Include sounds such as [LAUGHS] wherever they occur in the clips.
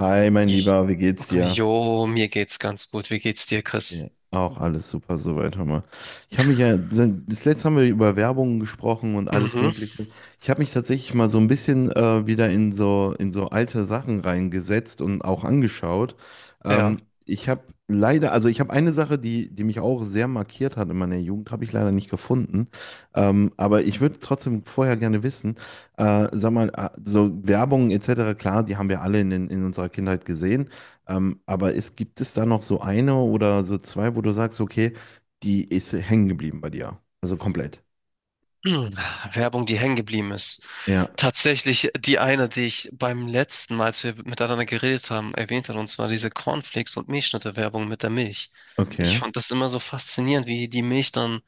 Hi, mein Ich, Lieber, wie geht's dir? jo, mir geht's ganz gut. Wie geht's dir, Ja, Chris? auch alles super soweit, hör mal. Ich habe mich ja, das letzte haben wir über Werbungen gesprochen und alles Mhm, Mögliche. Ich habe mich tatsächlich mal so ein bisschen wieder in so alte Sachen reingesetzt und auch angeschaut. ja. [CLEARS THROAT] Ich habe leider, also ich habe eine Sache, die mich auch sehr markiert hat in meiner Jugend, habe ich leider nicht gefunden. Aber ich würde trotzdem vorher gerne wissen, sag mal, so Werbung etc., klar, die haben wir alle in unserer Kindheit gesehen. Gibt es da noch so eine oder so zwei, wo du sagst, okay, die ist hängen geblieben bei dir? Also komplett. Hm, Werbung, die hängen geblieben ist. Ja, Tatsächlich die eine, die ich beim letzten Mal, als wir miteinander geredet haben, erwähnt hat, und zwar diese Cornflakes und Milchschnitte-Werbung mit der Milch. Ich okay. fand das immer so faszinierend, wie die Milch dann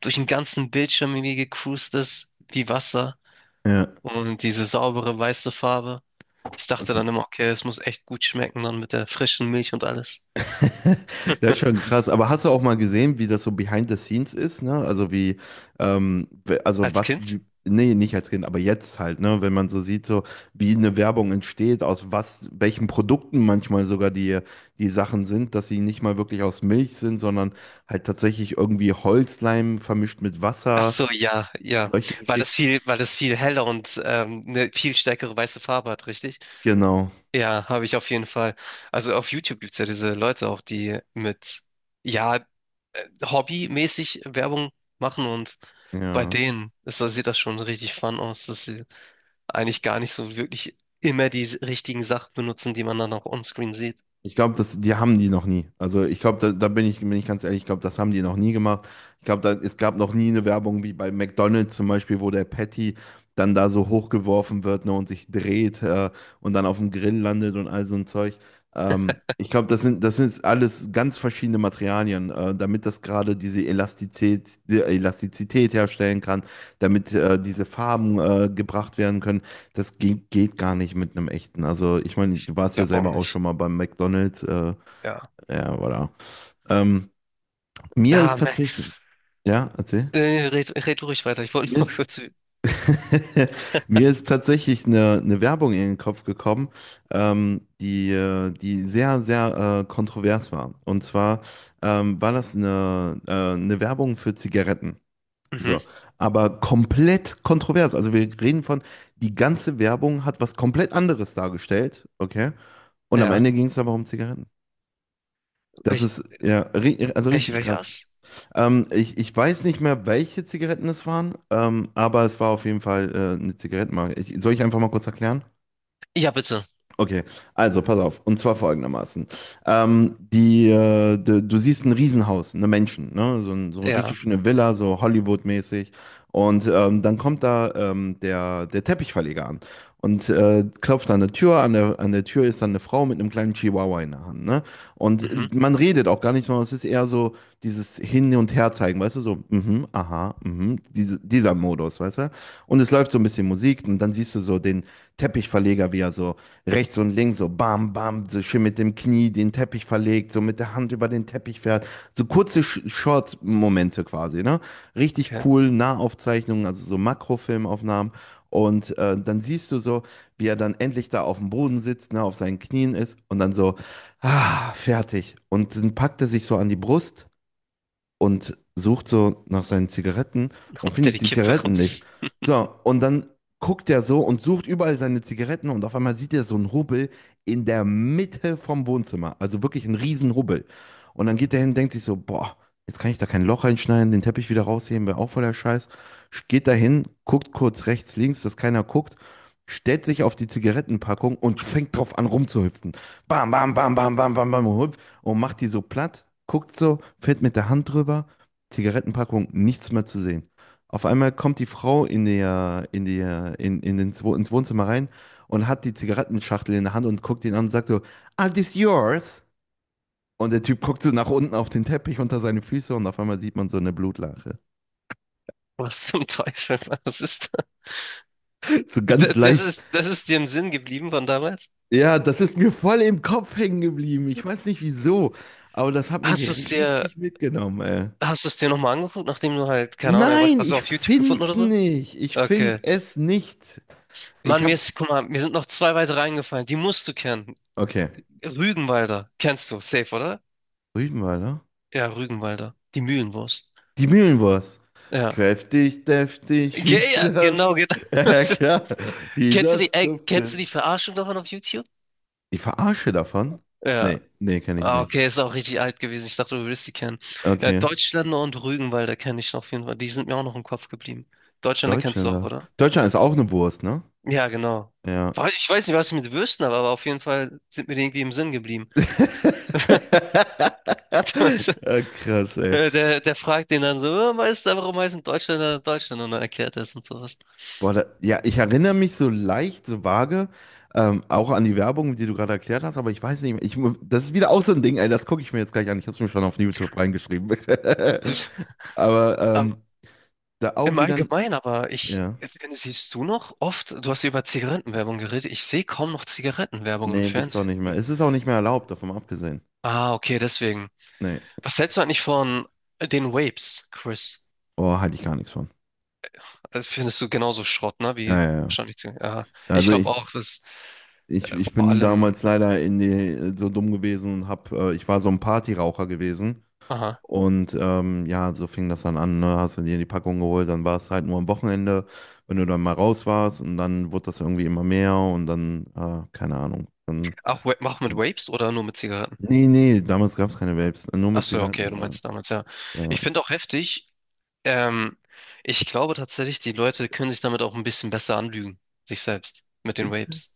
durch den ganzen Bildschirm irgendwie gecruised ist, wie Wasser Ja, und diese saubere weiße Farbe. Ich dachte okay. dann immer, okay, es muss echt gut schmecken dann mit der frischen Milch und alles. [LAUGHS] Das ist schon krass. Aber hast du auch mal gesehen, wie das so behind the scenes ist, ne? Also wie, also Als was Kind? die, nee, nicht als Kind, aber jetzt halt, ne? Wenn man so sieht, so wie eine Werbung entsteht, aus was, welchen Produkten manchmal sogar die Sachen sind, dass sie nicht mal wirklich aus Milch sind, sondern halt tatsächlich irgendwie Holzleim vermischt mit Ach Wasser, so, ja, ja. solche Geschichten. Weil das viel heller und eine viel stärkere weiße Farbe hat, richtig? Genau. Ja, habe ich auf jeden Fall. Also auf YouTube gibt's ja diese Leute auch, die mit, ja, hobbymäßig Werbung machen, und bei Ja. denen sieht das schon richtig fun aus, dass sie eigentlich gar nicht so wirklich immer die richtigen Sachen benutzen, die man dann auch onscreen sieht. Ich glaube, das, die haben die noch nie. Also ich glaube, da bin ich ganz ehrlich, ich glaube, das haben die noch nie gemacht. Ich glaube, da, es gab noch nie eine Werbung wie bei McDonald's zum Beispiel, wo der Patty dann da so hochgeworfen wird, ne, und sich dreht, und dann auf dem Grill landet und all so ein Zeug. Ich glaube, das sind alles ganz verschiedene Materialien, damit das gerade diese Elastizität, die Elastizität herstellen kann, damit diese Farben gebracht werden können. Das geht gar nicht mit einem echten. Also, ich meine, Ich du warst ja glaube auch selber auch schon nicht. mal beim McDonald's. Ja. Ja, voilà. Ähm, Mir ist Ah, Mac. tatsächlich, ja, erzähl. Red du ruhig weiter. Ich wollte Mir nur ist, [LAUGHS] kurz. [LAUGHS] mir ist tatsächlich eine Werbung in den Kopf gekommen, die sehr, sehr kontrovers war. Und zwar war das eine Werbung für Zigaretten. Mhm. So, aber komplett kontrovers. Also wir reden von, die ganze Werbung hat was komplett anderes dargestellt, okay? Und am Ja. Ende ging es aber um Zigaretten. Das Welch, ist ja ri also richtig krass. welches? Ich weiß nicht mehr, welche Zigaretten es waren, aber es war auf jeden Fall eine Zigarettenmarke. Soll ich einfach mal kurz erklären? Ja, bitte. Okay, also pass auf. Und zwar folgendermaßen. Du siehst ein Riesenhaus, eine Menschen, ne? So, so eine Ja. richtig schöne Villa, so Hollywood-mäßig. Und dann kommt da der Teppichverleger an und klopft an der Tür. An der Tür ist dann eine Frau mit einem kleinen Chihuahua in der Hand, ne? Mhm. Und man redet auch gar nicht, sondern es ist eher so dieses Hin- und Herzeigen, weißt du? So, mhm, aha, mhm, dieser Modus, weißt du? Und es läuft so ein bisschen Musik und dann siehst du so den Teppichverleger, wie er so rechts und links so bam, bam, so schön mit dem Knie den Teppich verlegt, so mit der Hand über den Teppich fährt. So kurze Short-Momente quasi, ne? Richtig Okay. cool, Nahaufzeichnungen, also so Makrofilmaufnahmen. Und dann siehst du so, wie er dann endlich da auf dem Boden sitzt, ne, auf seinen Knien ist und dann so, ah, fertig. Und dann packt er sich so an die Brust und sucht so nach seinen Zigaretten [LAUGHS] und Holt er findet die Kippe Zigaretten nicht. raus. So, und dann guckt er so und sucht überall seine Zigaretten und auf einmal sieht er so einen Hubbel in der Mitte vom Wohnzimmer. Also wirklich einen riesen Hubbel. Und dann geht er hin, und denkt sich so, boah, jetzt kann ich da kein Loch reinschneiden, den Teppich wieder rausheben, wäre auch voller Scheiß. Geht da hin, guckt kurz rechts, links, dass keiner guckt. Stellt sich auf die Zigarettenpackung und fängt drauf an rumzuhüpfen. Bam, bam, bam, bam, bam, bam, bam und macht die so platt, guckt so, fährt mit der Hand drüber, Zigarettenpackung, nichts mehr zu sehen. Auf einmal kommt die Frau in der, in der, in den, Zwo- ins Wohnzimmer rein und hat die Zigarettenschachtel in der Hand und guckt ihn an und sagt so, Are this yours? Und der Typ guckt so nach unten auf den Teppich unter seine Füße und auf einmal sieht man so eine Blutlache. [LAUGHS] Was zum Teufel? [LAUGHS] Was ist So das? ganz leicht. Das ist dir im Sinn geblieben von damals? Ja, das ist mir voll im Kopf hängen geblieben. Ich weiß nicht wieso, aber das hat mich Hast du es dir, richtig mitgenommen, ey. hast du es dir nochmal angeguckt, nachdem du halt, keine Ahnung, erwachsen- Nein, also ich auf YouTube gefunden find's oder so? nicht. Ich find Okay. es nicht. Ich Mann, mir hab. ist, guck mal, mir sind noch zwei weitere eingefallen. Die musst du kennen. Okay. Rügenwalder. Kennst du, safe, oder? Rügenwalder? Ja, Rügenwalder. Die Mühlenwurst. Die Mühlenwurst. Ja. Kräftig, deftig, wie das. Genau, genau. [LAUGHS] Ja, [LAUGHS] klar. Wie Kennst du die, das ey, kennst du duftet. die Verarschung davon auf YouTube? Die Verarsche davon? Ja. Nee, nee, kenne ich Ah, nicht. okay, ist auch richtig alt gewesen. Ich dachte, du würdest die kennen. Ja, Okay. Deutschländer und Rügenwalder kenne ich noch auf jeden Fall. Die sind mir auch noch im Kopf geblieben. Deutschländer kennst du auch, Deutschländer. oder? Deutschland ist auch eine Wurst, ne? Ja, genau. Ja. Ich weiß nicht, was ich mit Würsten habe, aber auf jeden Fall sind mir die irgendwie im Sinn geblieben. [LAUGHS] Ja, [LAUGHS] krass, ey. Der fragt den dann so, "Oh, Meister, warum heißen Deutschländer Deutschland? Und dann erklärt er es und sowas. Boah, da, ja, ich erinnere mich so leicht, so vage, auch an die Werbung, die du gerade erklärt hast, aber ich weiß nicht mehr. Das ist wieder auch so ein Ding, ey, das gucke ich mir jetzt gleich an. Ich habe es mir schon auf YouTube reingeschrieben. Ich, [LAUGHS] Aber ähm, da auch im wieder ein. Allgemeinen, aber Ja. finde, siehst du noch oft, du hast ja über Zigarettenwerbung geredet, ich sehe kaum noch Zigarettenwerbung im Nee, gibt's auch Fernsehen. nicht mehr. Es ist auch nicht mehr erlaubt, davon mal abgesehen. Ah, okay, deswegen. Nee. Was hältst du eigentlich von den Vapes, Chris? Oh, halte ich gar nichts von. Also findest du genauso Schrott, ne? Wie Ja, ja, ja. wahrscheinlich. Zig- Aha. Ich Also glaube ich, auch, dass ich, ich vor bin allem. damals leider so dumm gewesen und ich war so ein Partyraucher gewesen. Aha. Und ja, so fing das dann an, ne? Hast du dir die Packung geholt, dann war es halt nur am Wochenende, wenn du dann mal raus warst und dann wurde das irgendwie immer mehr und dann, keine Ahnung. Auch, auch mit Vapes oder nur mit Zigaretten? Nee, nee, damals gab es keine Vapes, nur Ach mit so, ja, okay, Zigaretten. du meinst damals, ja. Ja. Ich finde auch heftig. Ähm, ich glaube tatsächlich, die Leute können sich damit auch ein bisschen besser anlügen, sich selbst, mit den Witzig. Vapes.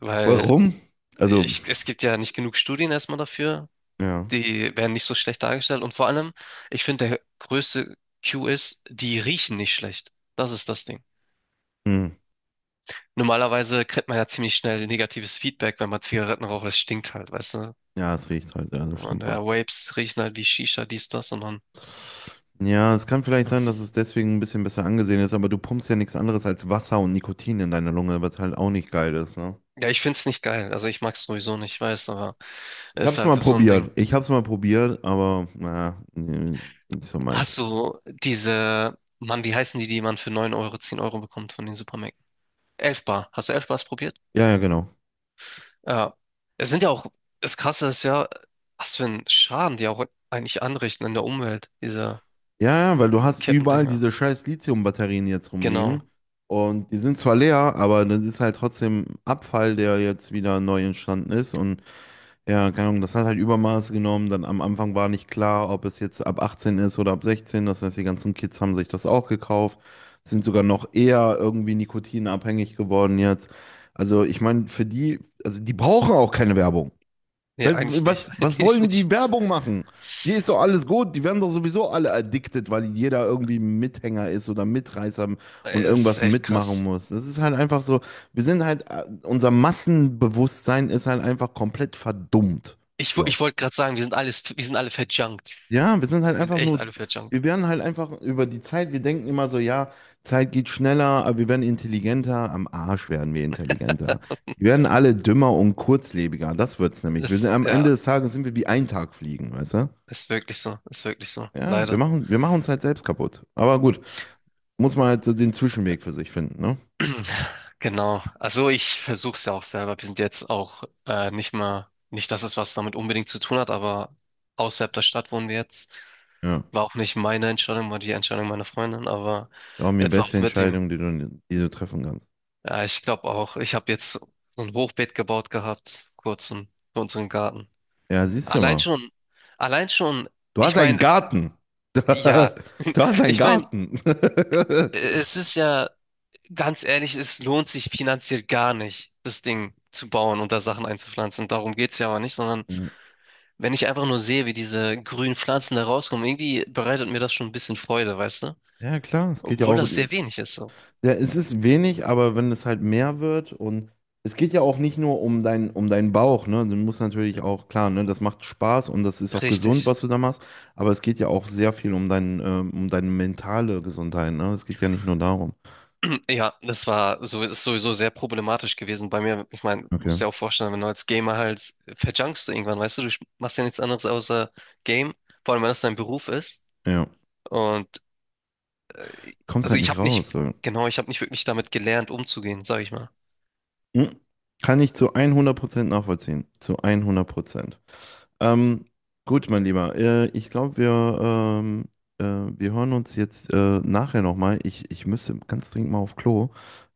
Weil Warum? Also, es gibt ja nicht genug Studien erstmal dafür. ja. Die werden nicht so schlecht dargestellt. Und vor allem, ich finde, der größte Cue ist, die riechen nicht schlecht. Das ist das Ding. Hm. Normalerweise kriegt man ja ziemlich schnell negatives Feedback, wenn man Zigaretten raucht. Es stinkt halt, weißt du? Ja, es riecht halt, ja, das Und stimmt wohl. ja, Vapes riechen halt wie Shisha, dies, das und dann. Ja, es kann vielleicht Ja, sein, dass es deswegen ein bisschen besser angesehen ist, aber du pumpst ja nichts anderes als Wasser und Nikotin in deine Lunge, was halt auch nicht geil ist, ne? ja, ich find's nicht geil. Also ich mag's sowieso nicht, ich weiß, aber Ich ist hab's halt mal so ein Ding. probiert. Ich hab's mal probiert, aber naja, nee, nicht so Hast meins. du diese, Mann, wie heißen die, die man für 9 Euro, 10 Euro bekommt von den Supermärkten? 11 Bar. Hast du 11 Bars probiert? Ja, ja, genau. Ja. Es sind ja auch, das Krasse ist ja, was für einen Schaden die auch eigentlich anrichten in der Umwelt, diese Ja, ja, weil du hast überall Kippendinger. diese scheiß Lithium-Batterien jetzt Genau. rumliegen. Und die sind zwar leer, aber das ist halt trotzdem Abfall, der jetzt wieder neu entstanden ist. Und ja, keine Ahnung, das hat halt Übermaß genommen. Dann am Anfang war nicht klar, ob es jetzt ab 18 ist oder ab 16. Das heißt, die ganzen Kids haben sich das auch gekauft, sind sogar noch eher irgendwie nikotinabhängig geworden jetzt. Also ich meine, für die, also die brauchen auch keine Werbung. Nee, eigentlich nicht. Was, [LAUGHS] was Eigentlich wollen die nicht. Werbung machen? Die ist doch alles gut, die werden doch sowieso alle addicted, weil jeder irgendwie ein Mithänger ist oder Mitreißer und Ey, das irgendwas ist echt mitmachen krass. muss. Das ist halt einfach so, unser Massenbewusstsein ist halt einfach komplett verdummt. So. Ich wollte gerade sagen, wir sind alle verjunkt. Ja, wir sind halt Wir sind einfach echt nur, alle verjunkt. wir werden halt einfach über die Zeit, wir denken immer so, ja, Zeit geht schneller, aber wir werden intelligenter, am Arsch werden wir intelligenter. Wir werden alle dümmer und kurzlebiger, das wird's nämlich. Wir sind, Ist, am ja, Ende des Tages sind wir wie ein Tag fliegen, weißt du? ist wirklich so. Ist wirklich so. Ja, Leider. Wir machen uns halt selbst kaputt. Aber gut, muss man halt so den Zwischenweg für sich finden, ne? [CLEARS THROAT] Genau. Also ich versuche es ja auch selber. Wir sind jetzt auch nicht mal, nicht, dass es was damit unbedingt zu tun hat, aber außerhalb der Stadt wohnen wir jetzt. Ja, War auch nicht meine Entscheidung, war die Entscheidung meiner Freundin, aber glaub mir, jetzt auch beste mit dem, Entscheidung, die du treffen kannst. ja, ich glaube auch, ich habe jetzt so ein Hochbeet gebaut gehabt, kurz in, für unseren Garten. Ja, siehst du Allein mal, schon, allein schon, du ich hast einen meine, Garten. ja, [LAUGHS] Du hast einen ich meine, Garten. es ist ja, ganz ehrlich, es lohnt sich finanziell gar nicht, das Ding zu bauen und da Sachen einzupflanzen. Darum geht's ja aber nicht, sondern [LAUGHS] wenn ich einfach nur sehe, wie diese grünen Pflanzen da rauskommen, irgendwie bereitet mir das schon ein bisschen Freude, weißt du? Ja, klar, es geht ja Obwohl auch, das sehr wenig ist, so. ja, es ist wenig, aber wenn es halt mehr wird und es geht ja auch nicht nur um deinen Bauch, ne? Du musst natürlich auch, klar, ne, das macht Spaß und das ist auch gesund, Richtig. was du da machst, aber es geht ja auch sehr viel um deine mentale Gesundheit, ne? Es geht ja nicht nur darum. Ja, das war so, ist sowieso sehr problematisch gewesen bei mir. Ich meine, Okay. musst dir auch vorstellen, wenn du als Gamer halt verjunkst du irgendwann, weißt du, du machst ja nichts anderes außer Game, vor allem wenn das dein Beruf ist. Ja. Und Kommst also halt ich nicht habe raus. nicht, So. genau, ich habe nicht wirklich damit gelernt, umzugehen, sag ich mal. Hm. Kann ich zu 100% nachvollziehen. Zu 100%. Ähm, gut, mein Lieber, ich glaube, ähm, wir hören uns jetzt nachher nochmal. Ich müsste ganz dringend mal auf Klo.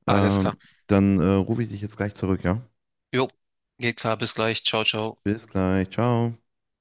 Alles Ähm, klar. Dann rufe ich dich jetzt gleich zurück, ja? Jo, geht klar, bis gleich. Ciao, ciao. Bis gleich, ciao.